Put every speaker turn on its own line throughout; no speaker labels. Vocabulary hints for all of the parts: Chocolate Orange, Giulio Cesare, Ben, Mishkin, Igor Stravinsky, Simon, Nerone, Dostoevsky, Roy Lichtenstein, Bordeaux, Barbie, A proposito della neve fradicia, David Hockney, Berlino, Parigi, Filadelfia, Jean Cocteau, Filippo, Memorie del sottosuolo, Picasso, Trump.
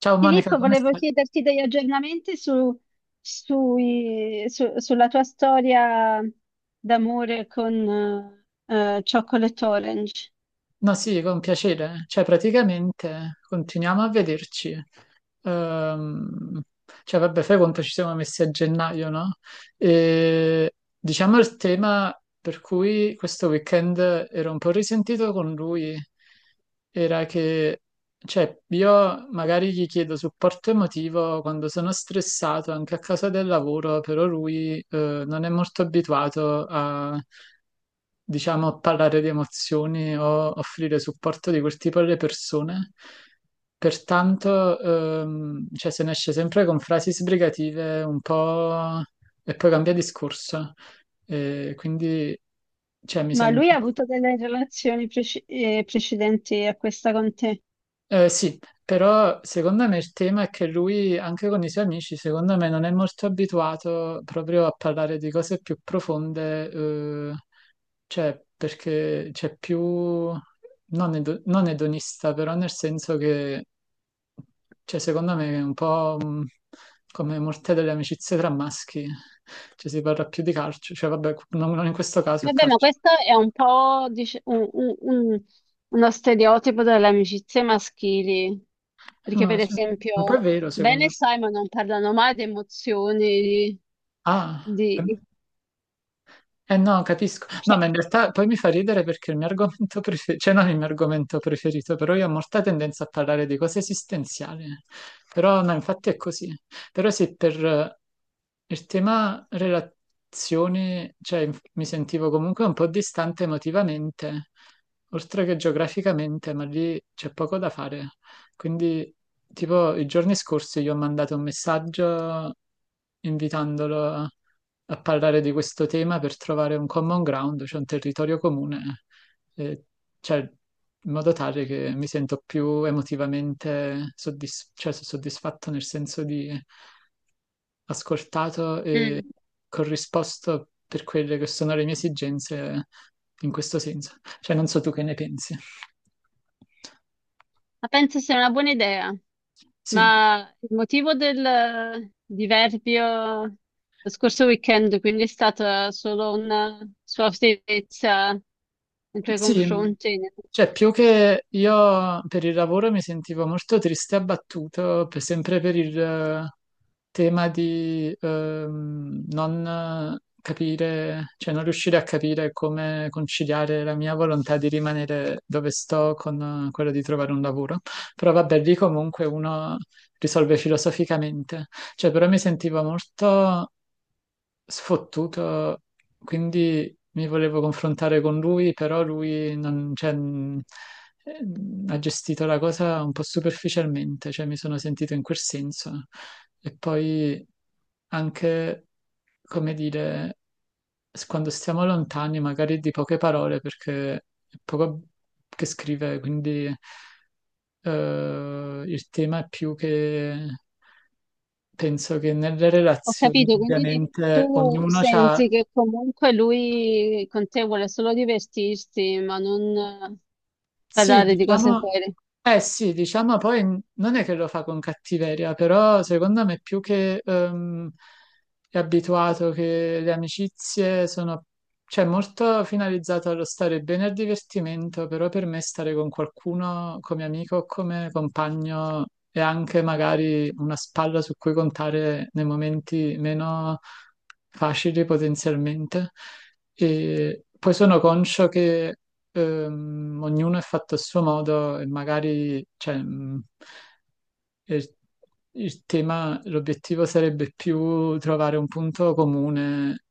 Ciao Monica,
Filippo,
come
volevo
stai?
chiederti degli aggiornamenti sulla tua storia d'amore con Chocolate Orange.
No, sì, con piacere. Cioè, praticamente continuiamo a vederci. Ehm, vabbè, fai conto ci siamo messi a gennaio, no? E diciamo il tema per cui questo weekend ero un po' risentito con lui era che, io magari gli chiedo supporto emotivo quando sono stressato anche a causa del lavoro, però lui non è molto abituato a, diciamo, parlare di emozioni o offrire supporto di quel tipo alle persone. Pertanto, se ne esce sempre con frasi sbrigative un po' e poi cambia discorso. E quindi, cioè, mi
Ma
sento...
lui ha avuto delle relazioni precedenti a questa con te.
Sì, però secondo me il tema è che lui, anche con i suoi amici, secondo me non è molto abituato proprio a parlare di cose più profonde, cioè perché c'è più, non, non edonista, però nel senso che, cioè, secondo me è un po' come molte delle amicizie tra maschi, cioè si parla più di calcio, cioè vabbè, non in questo caso è
Vabbè, ma
calcio.
questo è un po' uno stereotipo delle amicizie maschili,
Eh,
perché
ma
per
se- un po' è
esempio
vero
Ben
secondo
e
me.
Simon non parlano mai di emozioni,
Ah, eh.
di...
Eh no, capisco.
cioè,
No, ma in realtà poi mi fa ridere perché il mio argomento preferito, cioè non il mio argomento preferito, però io ho molta tendenza a parlare di cose esistenziali. Però no, infatti è così. Però se per il tema relazioni, mi sentivo comunque un po' distante emotivamente, oltre che geograficamente, ma lì c'è poco da fare. Quindi, tipo, i giorni scorsi gli ho mandato un messaggio invitandolo a parlare di questo tema per trovare un common ground, cioè un territorio comune, eh, cioè, in modo tale che mi sento più emotivamente cioè, so soddisfatto nel senso di ascoltato e
mm.
corrisposto per quelle che sono le mie esigenze in questo senso. Cioè, non so tu che ne pensi.
Ma penso sia una buona idea,
Sì.
ma il motivo del diverbio lo scorso weekend, quindi è stata solo una sua ostinatezza nei tuoi
Sì,
confronti.
cioè più che io per il lavoro mi sentivo molto triste e abbattuto, sempre per il tema di non capire, cioè non riuscire a capire come conciliare la mia volontà di rimanere dove sto con quello di trovare un lavoro. Però vabbè, lì comunque uno risolve filosoficamente, cioè però mi sentivo molto sfottuto, quindi mi volevo confrontare con lui, però lui non- cioè, ha gestito la cosa un po' superficialmente, cioè mi sono sentito in quel senso. E poi anche come dire, quando stiamo lontani, magari di poche parole, perché è poco che scrive, quindi il tema è più che penso che nelle
Ho
relazioni,
capito, quindi
ovviamente,
tu
ognuno ha...
senti che comunque lui con te vuole solo divertirsi, ma non eh,
Sì,
parlare di cose
diciamo,
serie.
eh sì, diciamo poi non è che lo fa con cattiveria, però secondo me più che è abituato che le amicizie sono, cioè molto finalizzato allo stare bene al divertimento, però per me stare con qualcuno come amico o come compagno è anche magari una spalla su cui contare nei momenti meno facili potenzialmente. E poi sono conscio che ognuno è fatto a suo modo e magari, cioè, il, il tema, l'obiettivo sarebbe più trovare un punto comune,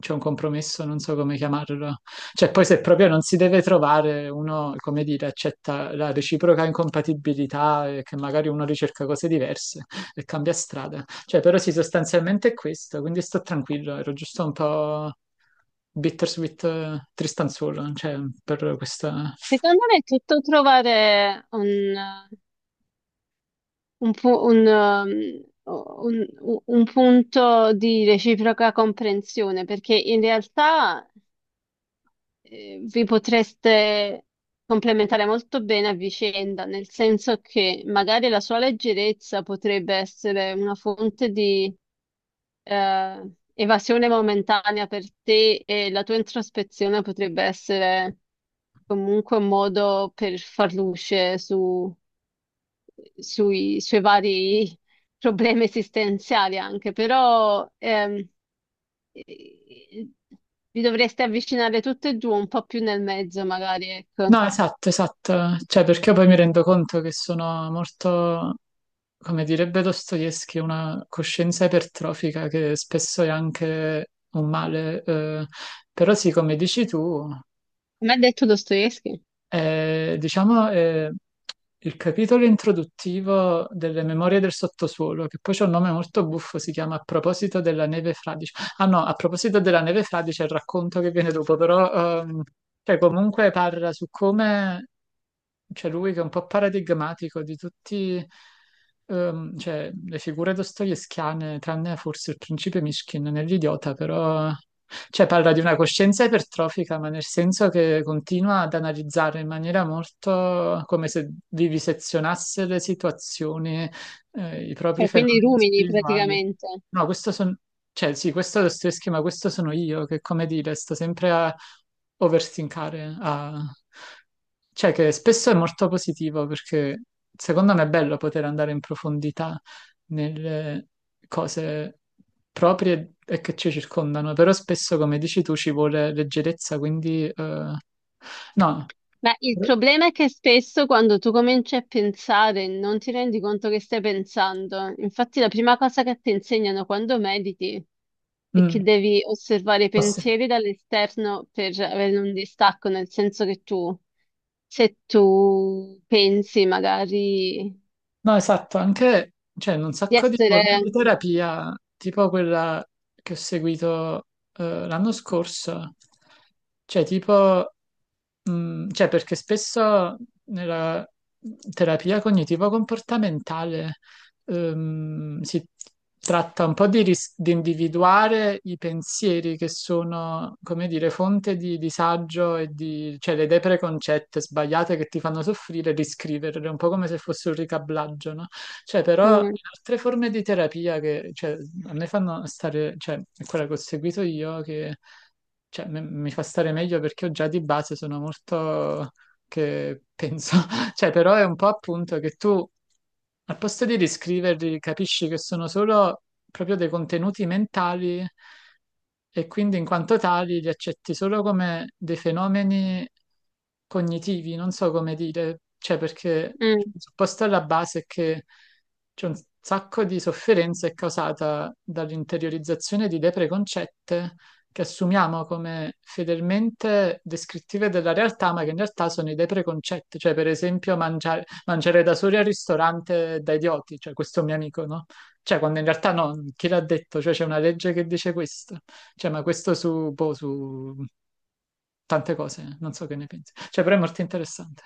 cioè un compromesso, non so come chiamarlo. Cioè, poi se proprio non si deve trovare, uno, come dire, accetta la reciproca incompatibilità e che magari uno ricerca cose diverse e cambia strada. Cioè, però sì, sostanzialmente è questo, quindi sto tranquillo, ero giusto un po' bittersweet, tristanzuolo, cioè, per questa...
Secondo me è tutto trovare un un, pu- un, um, un- un punto di reciproca comprensione, perché in realtà vi potreste complementare molto bene a vicenda, nel senso che magari la sua leggerezza potrebbe essere una fonte di evasione momentanea per te e la tua introspezione potrebbe essere comunque un modo per far luce su sui suoi vari problemi esistenziali anche, però eh, vi dovreste avvicinare tutte e due un po' più nel mezzo, magari, ecco.
No, esatto, esatto, cioè, perché poi mi rendo conto che sono molto, come direbbe Dostoevsky, una coscienza ipertrofica che spesso è anche un male, però sì, come dici tu...
Come ha detto Dostoevsky,
Diciamo, il capitolo introduttivo delle Memorie del sottosuolo, che poi c'è un nome molto buffo, si chiama A proposito della neve fradicia. Ah no, a proposito della neve fra, c'è il racconto che viene dopo, però cioè, comunque parla su come c'è lui che è un po' paradigmatico di tutti cioè, le figure dostoevskiane, tranne forse il principe Mishkin nell'idiota, però cioè, parla di una coscienza ipertrofica, ma nel senso che continua ad analizzare in maniera molto come se vivisezionasse le situazioni i propri
cioè, quindi i
fenomeni
rumini
spirituali.
praticamente.
No, questo sono, cioè sì, questo è lo stesso schema, questo sono io che, come dire, sto sempre a overthinkare, a... cioè che spesso è molto positivo perché secondo me è bello poter andare in profondità nelle cose proprie e che ci circondano, però spesso, come dici tu, ci vuole leggerezza, quindi no.
Beh, il problema è che spesso quando tu cominci a pensare non ti rendi conto che stai pensando. Infatti la prima cosa che ti insegnano quando mediti è
Mm.
che devi osservare i
Posso-
pensieri dall'esterno per avere un distacco, nel senso che tu, se tu pensi magari
No, esatto, anche c'è un
di
sacco di forme di
essere...
terapia, tipo quella che ho seguito l'anno scorso, cioè tipo, mm, cioè perché spesso nella terapia cognitivo-comportamentale si tratta un po' di individuare i pensieri che sono, come dire, fonte di disagio cioè le idee preconcette sbagliate che ti fanno soffrire, riscriverle, un po' come se fosse un ricablaggio, no? Cioè, però
Mm,
altre forme di terapia che cioè, a me fanno stare, cioè, è quella che ho seguito io, che cioè, mi fa stare meglio perché io già di base sono molto che penso, cioè, però è un po' appunto che tu, al posto di riscriverli, capisci che sono solo proprio dei contenuti mentali e quindi in quanto tali li accetti solo come dei fenomeni cognitivi, non so come dire, cioè perché il
mm.
presupposto alla base è che c'è un sacco di sofferenza è causata dall'interiorizzazione di idee preconcette che assumiamo come fedelmente descrittive della realtà, ma che in realtà sono idee preconcette, cioè per esempio mangiare, mangiare da soli al ristorante da idioti, cioè questo mio amico, no? Cioè quando in realtà no, chi l'ha detto? Cioè c'è una legge che dice questo, cioè ma questo su, boh, su tante cose, non so che ne pensi. Cioè però è molto interessante.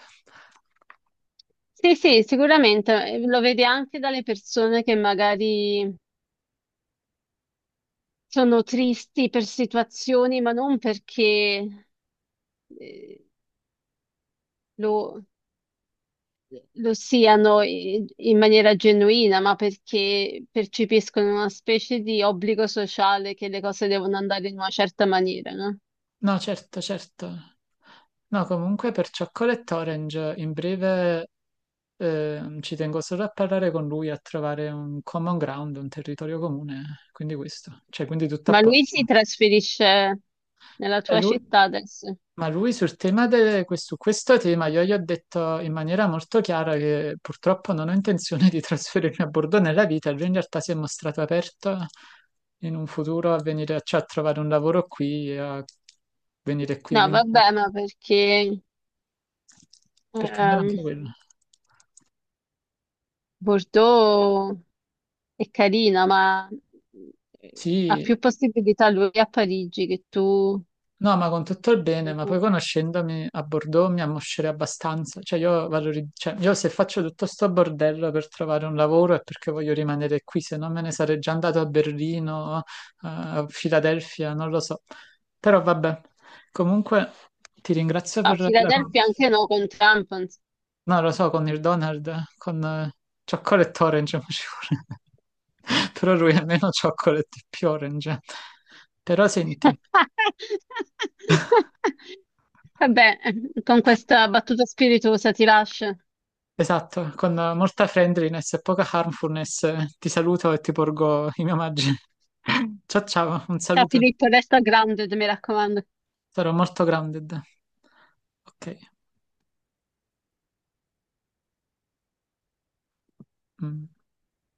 Sì, sì, sicuramente lo vedi anche dalle persone che magari sono tristi per situazioni, ma non perché eh, lo, lo siano in maniera genuina, ma perché percepiscono una specie di obbligo sociale che le cose devono andare in una certa maniera, no?
No, certo, certo. No, comunque per Chocolate Orange in breve ci tengo solo a parlare con lui, a trovare un common ground, un territorio comune, quindi questo, cioè quindi tutto a
Ma lui si
posto.
trasferisce nella
E
tua
lui-
città adesso?
ma lui sul tema su questo tema io gli ho detto in maniera molto chiara che purtroppo non ho intenzione di trasferirmi a Bordeaux nella vita, e lui in realtà si è mostrato aperto in un futuro a venire, cioè, a trovare un lavoro qui, e a venire qui,
No,
quindi...
vabbè, ma perché
per cambiare
ehm,
anche quello.
Bordeaux è carina, ma ha
Sì,
più possibilità lui a Parigi che tu
no, ma con tutto il bene, ma poi conoscendomi a Bordeaux mi ammoscerei abbastanza. Cioè io, cioè, io se faccio tutto sto bordello per trovare un lavoro è perché voglio rimanere qui, se no me ne sarei già andato a Berlino, a Filadelfia, non lo so. Però vabbè, comunque ti ringrazio
a
per la
Filadelfia.
conversazione.
Anche no, con Trump.
No, lo so, con il Donald, con Chocolate Orange mi ci vuole. Però lui è meno chocolate e più orange. Però senti,
Vabbè, con questa battuta spiritosa ti lascio.
esatto, con molta friendliness e poca harmfulness ti saluto e ti porgo i miei omaggi. Ciao ciao, un
Ciao
saluto.
Filippo, resta grande, mi raccomando.
Sarò molto grounded. Ok. Mm.